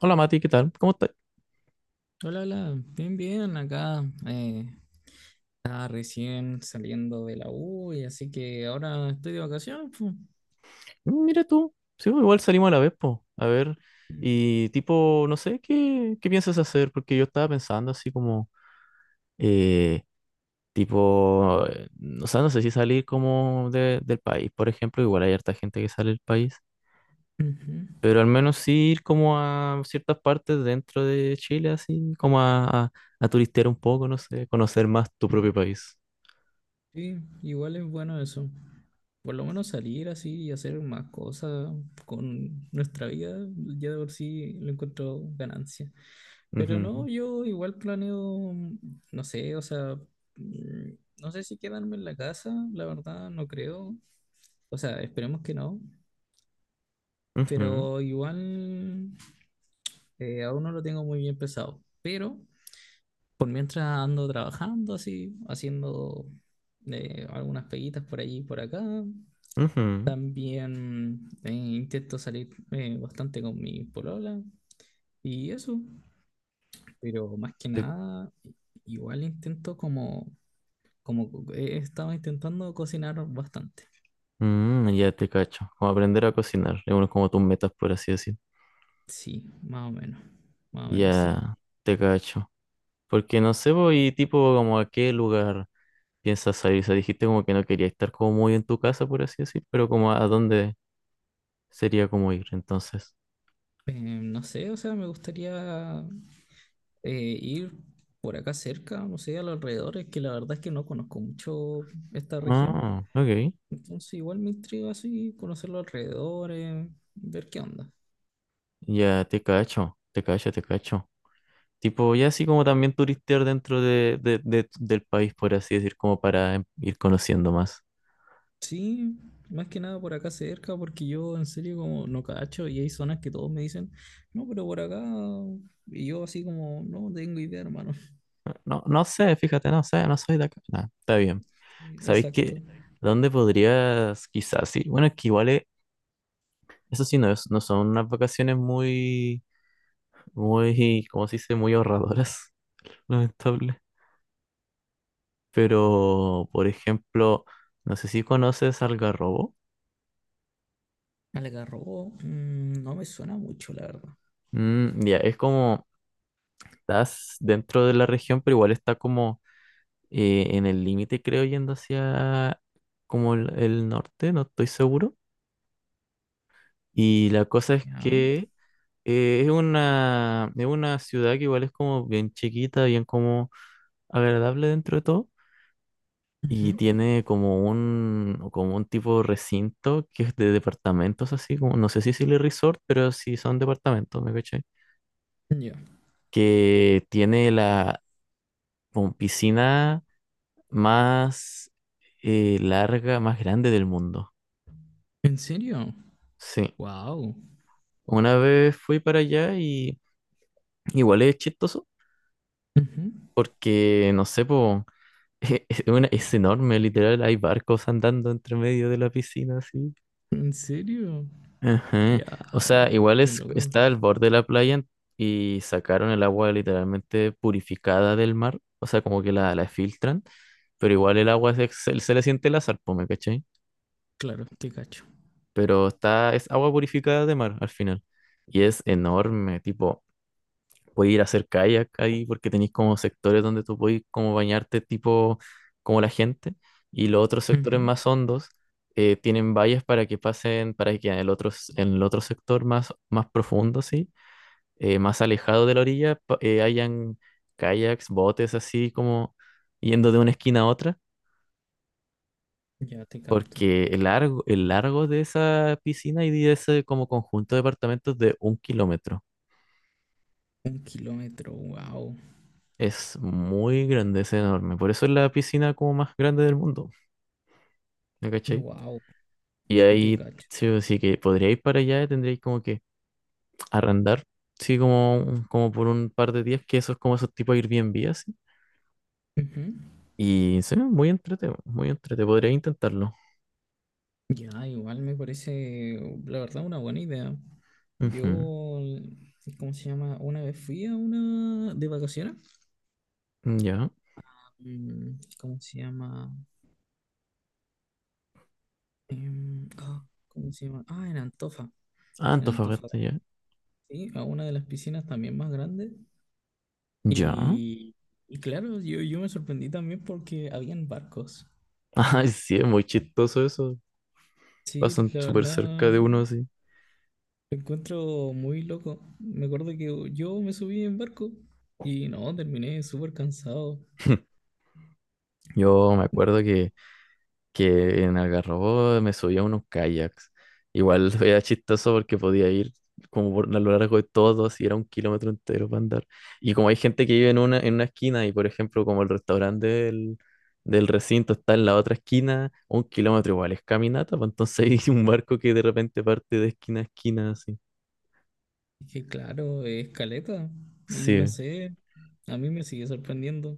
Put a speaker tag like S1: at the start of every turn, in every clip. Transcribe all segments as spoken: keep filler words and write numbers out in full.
S1: Hola Mati, ¿qué tal? ¿Cómo estás?
S2: Hola, hola, bien, bien, acá eh, estaba recién saliendo de la U, y así que ahora estoy de vacaciones, pu.
S1: Mira tú, sí, pues, igual salimos a la vez, po. A ver, y tipo, no sé, ¿qué, qué piensas hacer? Porque yo estaba pensando así como, eh, tipo, eh, o sea, no sé si salir como de- del país, por ejemplo, igual hay harta gente que sale del país,
S2: Ujú.
S1: pero al menos sí ir como a ciertas partes dentro de Chile, así, como a, a, a turistear un poco, no sé, conocer más tu propio país.
S2: Sí, igual es bueno eso, por lo menos salir así y hacer más cosas con nuestra vida, ya de por sí lo encuentro ganancia. Pero
S1: Ujú,
S2: no, yo igual planeo, no sé, o sea, mm, no sé si quedarme en la casa, la verdad, no creo, o sea, esperemos que no.
S1: ujú,
S2: Pero igual eh, aún no lo tengo muy bien pensado. Pero por mientras ando trabajando así, haciendo eh, algunas peguitas por allí y por acá.
S1: ujú.
S2: También eh, intento salir eh, bastante con mi polola y eso, pero más que nada, igual intento como, como co- he estado intentando cocinar bastante.
S1: Mm, ya te cacho. Como aprender a cocinar. Es uno como tus metas, por así decir.
S2: Sí, más o menos, más o menos sí.
S1: Ya te cacho. Porque no sé, ¿voy tipo, como a qué lugar piensas salir? O sea, dijiste como que no quería estar como muy en tu casa, por así decir, pero como a dónde sería como ir, entonces.
S2: Eh, no sé, o sea, me gustaría eh, ir por acá cerca, no sé, a los alrededores, que la verdad es que no conozco mucho esta región.
S1: Ah, ok.
S2: Entonces igual me intriga así conocer los alrededores, ver qué onda.
S1: Ya te cacho, te cacho, te cacho. Tipo, ya así como también turistear dentro de, de- de- del país, por así decir, como para em- ir conociendo más.
S2: Sí, más que nada por acá cerca, porque yo en serio como no cacho y hay zonas que todos me dicen, no, pero por acá, y yo así como, no tengo idea, hermano.
S1: No, no sé, fíjate, no sé, no soy de acá. Nah, está bien.
S2: Sí,
S1: ¿Sabéis
S2: exacto.
S1: qué? ¿Dónde podrías, quizás, sí? Bueno, es que igual, eh, eso sí, no, es- no son unas vacaciones muy, muy, ¿cómo se dice? Muy ahorradoras, lamentable. Pero, por ejemplo, no sé si conoces Algarrobo.
S2: Algarrobo, mm, no me suena mucho, la verdad.
S1: Mm, ya, es como, estás dentro de la región, pero igual está como eh, en el límite, creo, yendo hacia como el el norte, no estoy seguro. Y la cosa es
S2: Ya.
S1: que eh, es una, es una ciudad que igual es como bien chiquita, bien como agradable dentro de todo. Y
S2: Ujú.
S1: tiene como un, como un tipo de recinto que es de departamentos así, como, no sé si es resort, pero sí son departamentos, ¿me caché?
S2: Ya.
S1: Que tiene la como piscina más eh, larga, más grande del mundo.
S2: ¿En serio?
S1: Sí.
S2: Wow.
S1: Una vez fui para allá y igual es chistoso porque, no sé, pues... Es, es una- es enorme, literal, hay barcos andando entre medio de la piscina, así.
S2: ¿En serio?
S1: Ajá.
S2: Ya,
S1: O sea,
S2: ay,
S1: igual
S2: qué
S1: es,
S2: loco.
S1: está al borde de la playa y sacaron el agua literalmente purificada del mar, o sea, como que la, la filtran, pero igual el agua se, se- se le siente el azar, po, ¿me cachai?
S2: Claro, te cacho.
S1: Pero está, es agua purificada de mar al final. Y es enorme, tipo, podéis ir a hacer kayak ahí porque tenéis como sectores donde tú podéis como bañarte tipo como la gente y los otros sectores
S2: Ujú.
S1: más hondos eh, tienen vallas para que pasen, para que en el otro, s- en el otro sector más, más profundo, sí, eh, más alejado de la orilla, pa- eh, hayan kayaks, botes así como yendo de una esquina a otra.
S2: Ya te capto.
S1: Porque el largo, el largo de esa piscina y de ese como conjunto de departamentos es de un kilómetro.
S2: Un kilómetro, wow.
S1: Es muy grande, es enorme. Por eso es la piscina como más grande del mundo, ¿me cachai?
S2: Wow,
S1: Y
S2: sí te
S1: ahí
S2: cacho.
S1: sí o sí que podríais para allá, tendríais como que arrendar, sí, como, un- como por un par de días, que eso es como esos tipos Airbnb así.
S2: Ujú.
S1: Y sí muy entretenido, muy entretenido. Podría intentarlo.
S2: Ya, igual me parece, la verdad, una buena idea.
S1: Ujú,
S2: Yo, ¿cómo se llama? Una vez fui a una de vacaciones.
S1: ya.
S2: Mm, ¿cómo se llama? Em, ah, ¿cómo se llama? Ah, en Antofa.
S1: Ah,
S2: En Antofa,
S1: Antofagasta, ya.
S2: sí, a una de las piscinas también más grandes.
S1: Ya.
S2: Y, y claro, yo, yo me sorprendí también porque habían barcos.
S1: Ay, sí, es muy chistoso eso.
S2: Sí,
S1: Pasan
S2: la
S1: súper cerca de
S2: verdad,
S1: uno así.
S2: lo encuentro muy loco. Me acuerdo que yo me subí en barco y no, terminé súper cansado.
S1: Yo me acuerdo que que en Algarrobo me subía a unos kayaks. Igual era chistoso porque podía ir como por, a lo largo de todo, así era un kilómetro entero para andar. Y como hay gente que vive en una, en una esquina y por ejemplo como el restaurante del, del recinto está en la otra esquina, un kilómetro igual es caminata, pues entonces hay un barco que de repente parte de esquina a esquina así.
S2: Es que claro, es caleta. Y no
S1: Sí,
S2: sé, a mí me sigue sorprendiendo.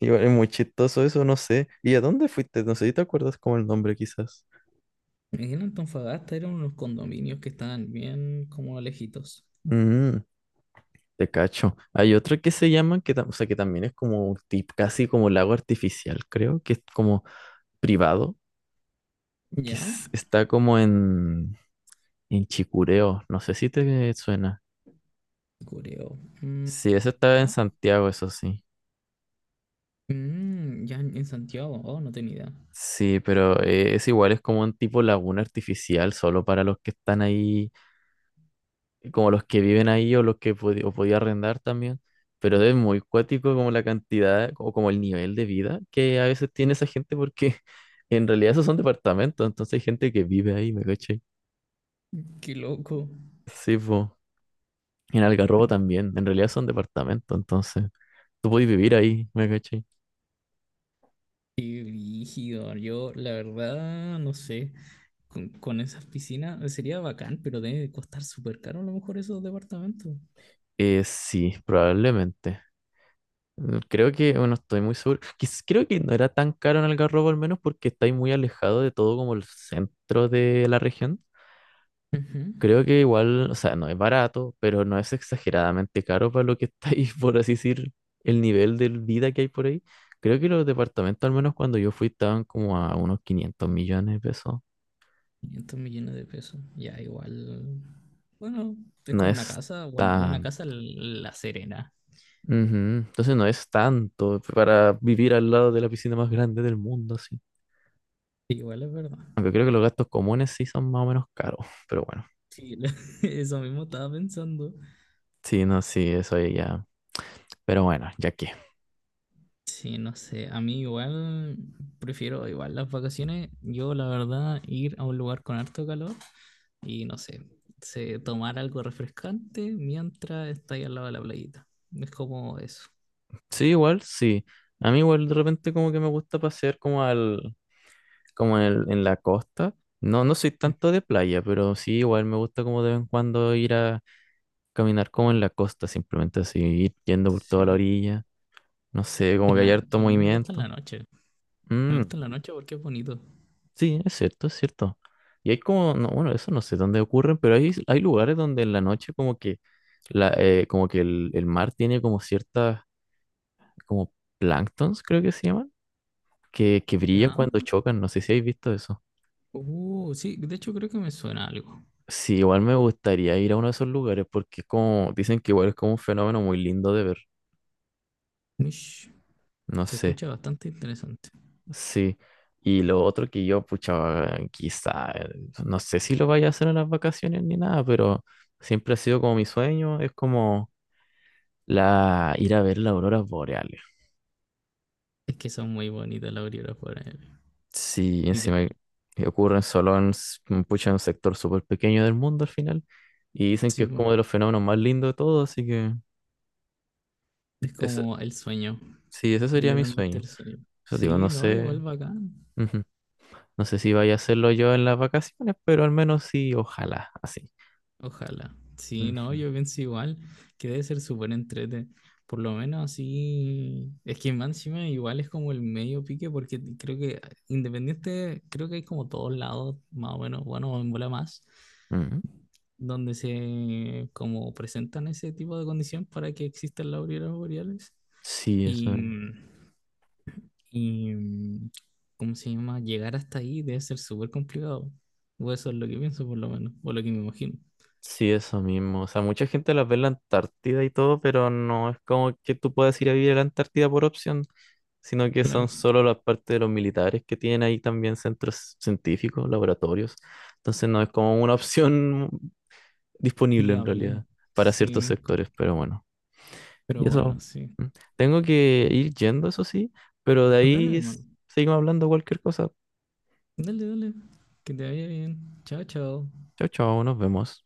S1: igual es muy chistoso eso, no sé. ¿Y a dónde fuiste? No sé si te acuerdas como el nombre quizás.
S2: En Antofagasta eran unos condominios que estaban bien como alejitos.
S1: Mm. Te cacho. Hay otra que se llama, que, tam- o sea, que también es como un tip, casi como lago artificial, creo, que es como privado, que
S2: ¿Ya?
S1: es- está como en, en Chicureo. No sé si te suena.
S2: Cureo. Mm,
S1: Sí, ese está en
S2: ¿ya?
S1: Santiago, eso sí.
S2: Mm, ya en en Santiago. Oh, no tenía idea.
S1: Sí, pero eh, es igual, es como un tipo laguna artificial, solo para los que están ahí como los que viven ahí o los que pod- o podía arrendar también, pero es muy cuático como la cantidad o como el nivel de vida que a veces tiene esa gente porque en realidad esos son departamentos, entonces hay gente que vive ahí, ¿me caché?
S2: Qué loco.
S1: Sí, po. En Algarrobo también, en realidad son departamentos, entonces tú podés vivir ahí, ¿me caché?
S2: Qué rígido. Yo, la verdad, no sé. Con, con esas piscinas sería bacán, pero debe costar súper caro a lo mejor esos departamentos.
S1: Eh, sí, probablemente. Mm, creo que, bueno, estoy muy seguro. Quiz- Creo que no era tan caro en Algarrobo al menos porque estáis muy alejado de todo como el centro de la región.
S2: Ujú.
S1: Creo que igual, o sea, no es barato, pero no es exageradamente caro para lo que está ahí, por así decir, el nivel de vida que hay por ahí. Creo que los departamentos, al menos cuando yo fui, estaban como a unos quinientos millones de pesos.
S2: quinientos millones de pesos. Ya, igual. Bueno, es
S1: No
S2: como una
S1: es
S2: casa. Bueno, una
S1: tan...
S2: casa l- La Serena.
S1: Ujú, entonces no es tanto para vivir al lado de la piscina más grande del mundo, así.
S2: Igual es verdad.
S1: Aunque creo que los gastos comunes sí son más o menos caros, pero bueno.
S2: Sí, la- eso mismo estaba pensando.
S1: Sí, no, sí, eso ahí ya. Pero bueno, ya que.
S2: Sí, no sé. A mí igual prefiero igual las vacaciones. Yo, la verdad, ir a un lugar con harto calor. Y no sé, se, tomar algo refrescante mientras está ahí al lado de la playita. Es como eso.
S1: Sí, igual, sí. A mí igual de repente como que me gusta pasear como al, como en, el- en la costa. No, no soy tanto de playa, pero sí igual me gusta como de vez en cuando ir a caminar como en la costa, simplemente así, ir yendo por toda la
S2: Sí.
S1: orilla. No sé, como
S2: En
S1: que hay
S2: la-
S1: harto
S2: a mí me gusta en la
S1: movimiento.
S2: noche. Me
S1: Mm,
S2: gusta en la noche porque es bonito.
S1: sí, es cierto, es cierto. Y hay como, no, bueno, eso no sé dónde ocurren, pero hay, hay lugares donde en la noche como que, la, eh, como que el, el mar tiene como ciertas, como planctons, creo que se llaman, que, que brillan
S2: ¿Ya?
S1: cuando chocan. No sé si habéis visto eso.
S2: Uh, sí, de hecho creo que me suena algo.
S1: Sí, igual me gustaría ir a uno de esos lugares porque es como, dicen que igual es como un fenómeno muy lindo de ver,
S2: Mish.
S1: no
S2: Se
S1: sé,
S2: escucha bastante interesante.
S1: sí. Y lo otro que yo, pucha, quizá, eh, no sé si lo vaya a hacer en las vacaciones ni nada, pero siempre ha sido como mi sueño, es como la, ir a ver las auroras boreales.
S2: Es que son muy bonitas las auroras boreales.
S1: Sí, encima
S2: Literal.
S1: que ocurren solo en, s- mm, pucha, en un sector súper pequeño del mundo al final, y dicen que
S2: Sí,
S1: es
S2: po.
S1: como de los fenómenos más lindos de todos, así que
S2: Es
S1: ese,
S2: como el sueño.
S1: sí, ese sería mi
S2: Literalmente
S1: sueño.
S2: el sueño.
S1: Eso digo, no
S2: Sí, no, igual
S1: sé.
S2: bacán.
S1: Ujú. No sé si vaya a hacerlo yo en las vacaciones, pero al menos sí, ojalá, así.
S2: Ojalá. Sí, no,
S1: Ujú.
S2: yo pienso igual que debe ser súper entrete. Por lo menos así. Es que más encima igual es como el medio pique, porque creo que independiente, creo que hay como todos lados, más o menos, bueno, en bola más,
S1: Ujú.
S2: donde se como presentan ese tipo de condición para que existan las auroras boreales.
S1: Sí, eso,
S2: Y, y ¿cómo se llama? Llegar hasta ahí debe ser súper complicado. O eso es lo que pienso, por lo menos, o lo que me imagino.
S1: sí, eso mismo. O sea, mucha gente las ve en la Antártida y todo, pero no es como que tú puedas ir a vivir a la Antártida por opción, sino que son
S2: Claro.
S1: solo las partes de los militares que tienen ahí también centros científicos, laboratorios. Entonces no es como una opción disponible en realidad
S2: Fiable.
S1: para ciertos
S2: Sí,
S1: sectores, pero bueno.
S2: pero
S1: Y
S2: bueno,
S1: eso,
S2: sí.
S1: mm, tengo que ir yendo, eso sí, pero de
S2: Pues dale,
S1: ahí s-
S2: hermano.
S1: seguimos hablando cualquier cosa.
S2: Dale, dale. Que te vaya bien. Chao, chao.
S1: Chao, chao, nos vemos.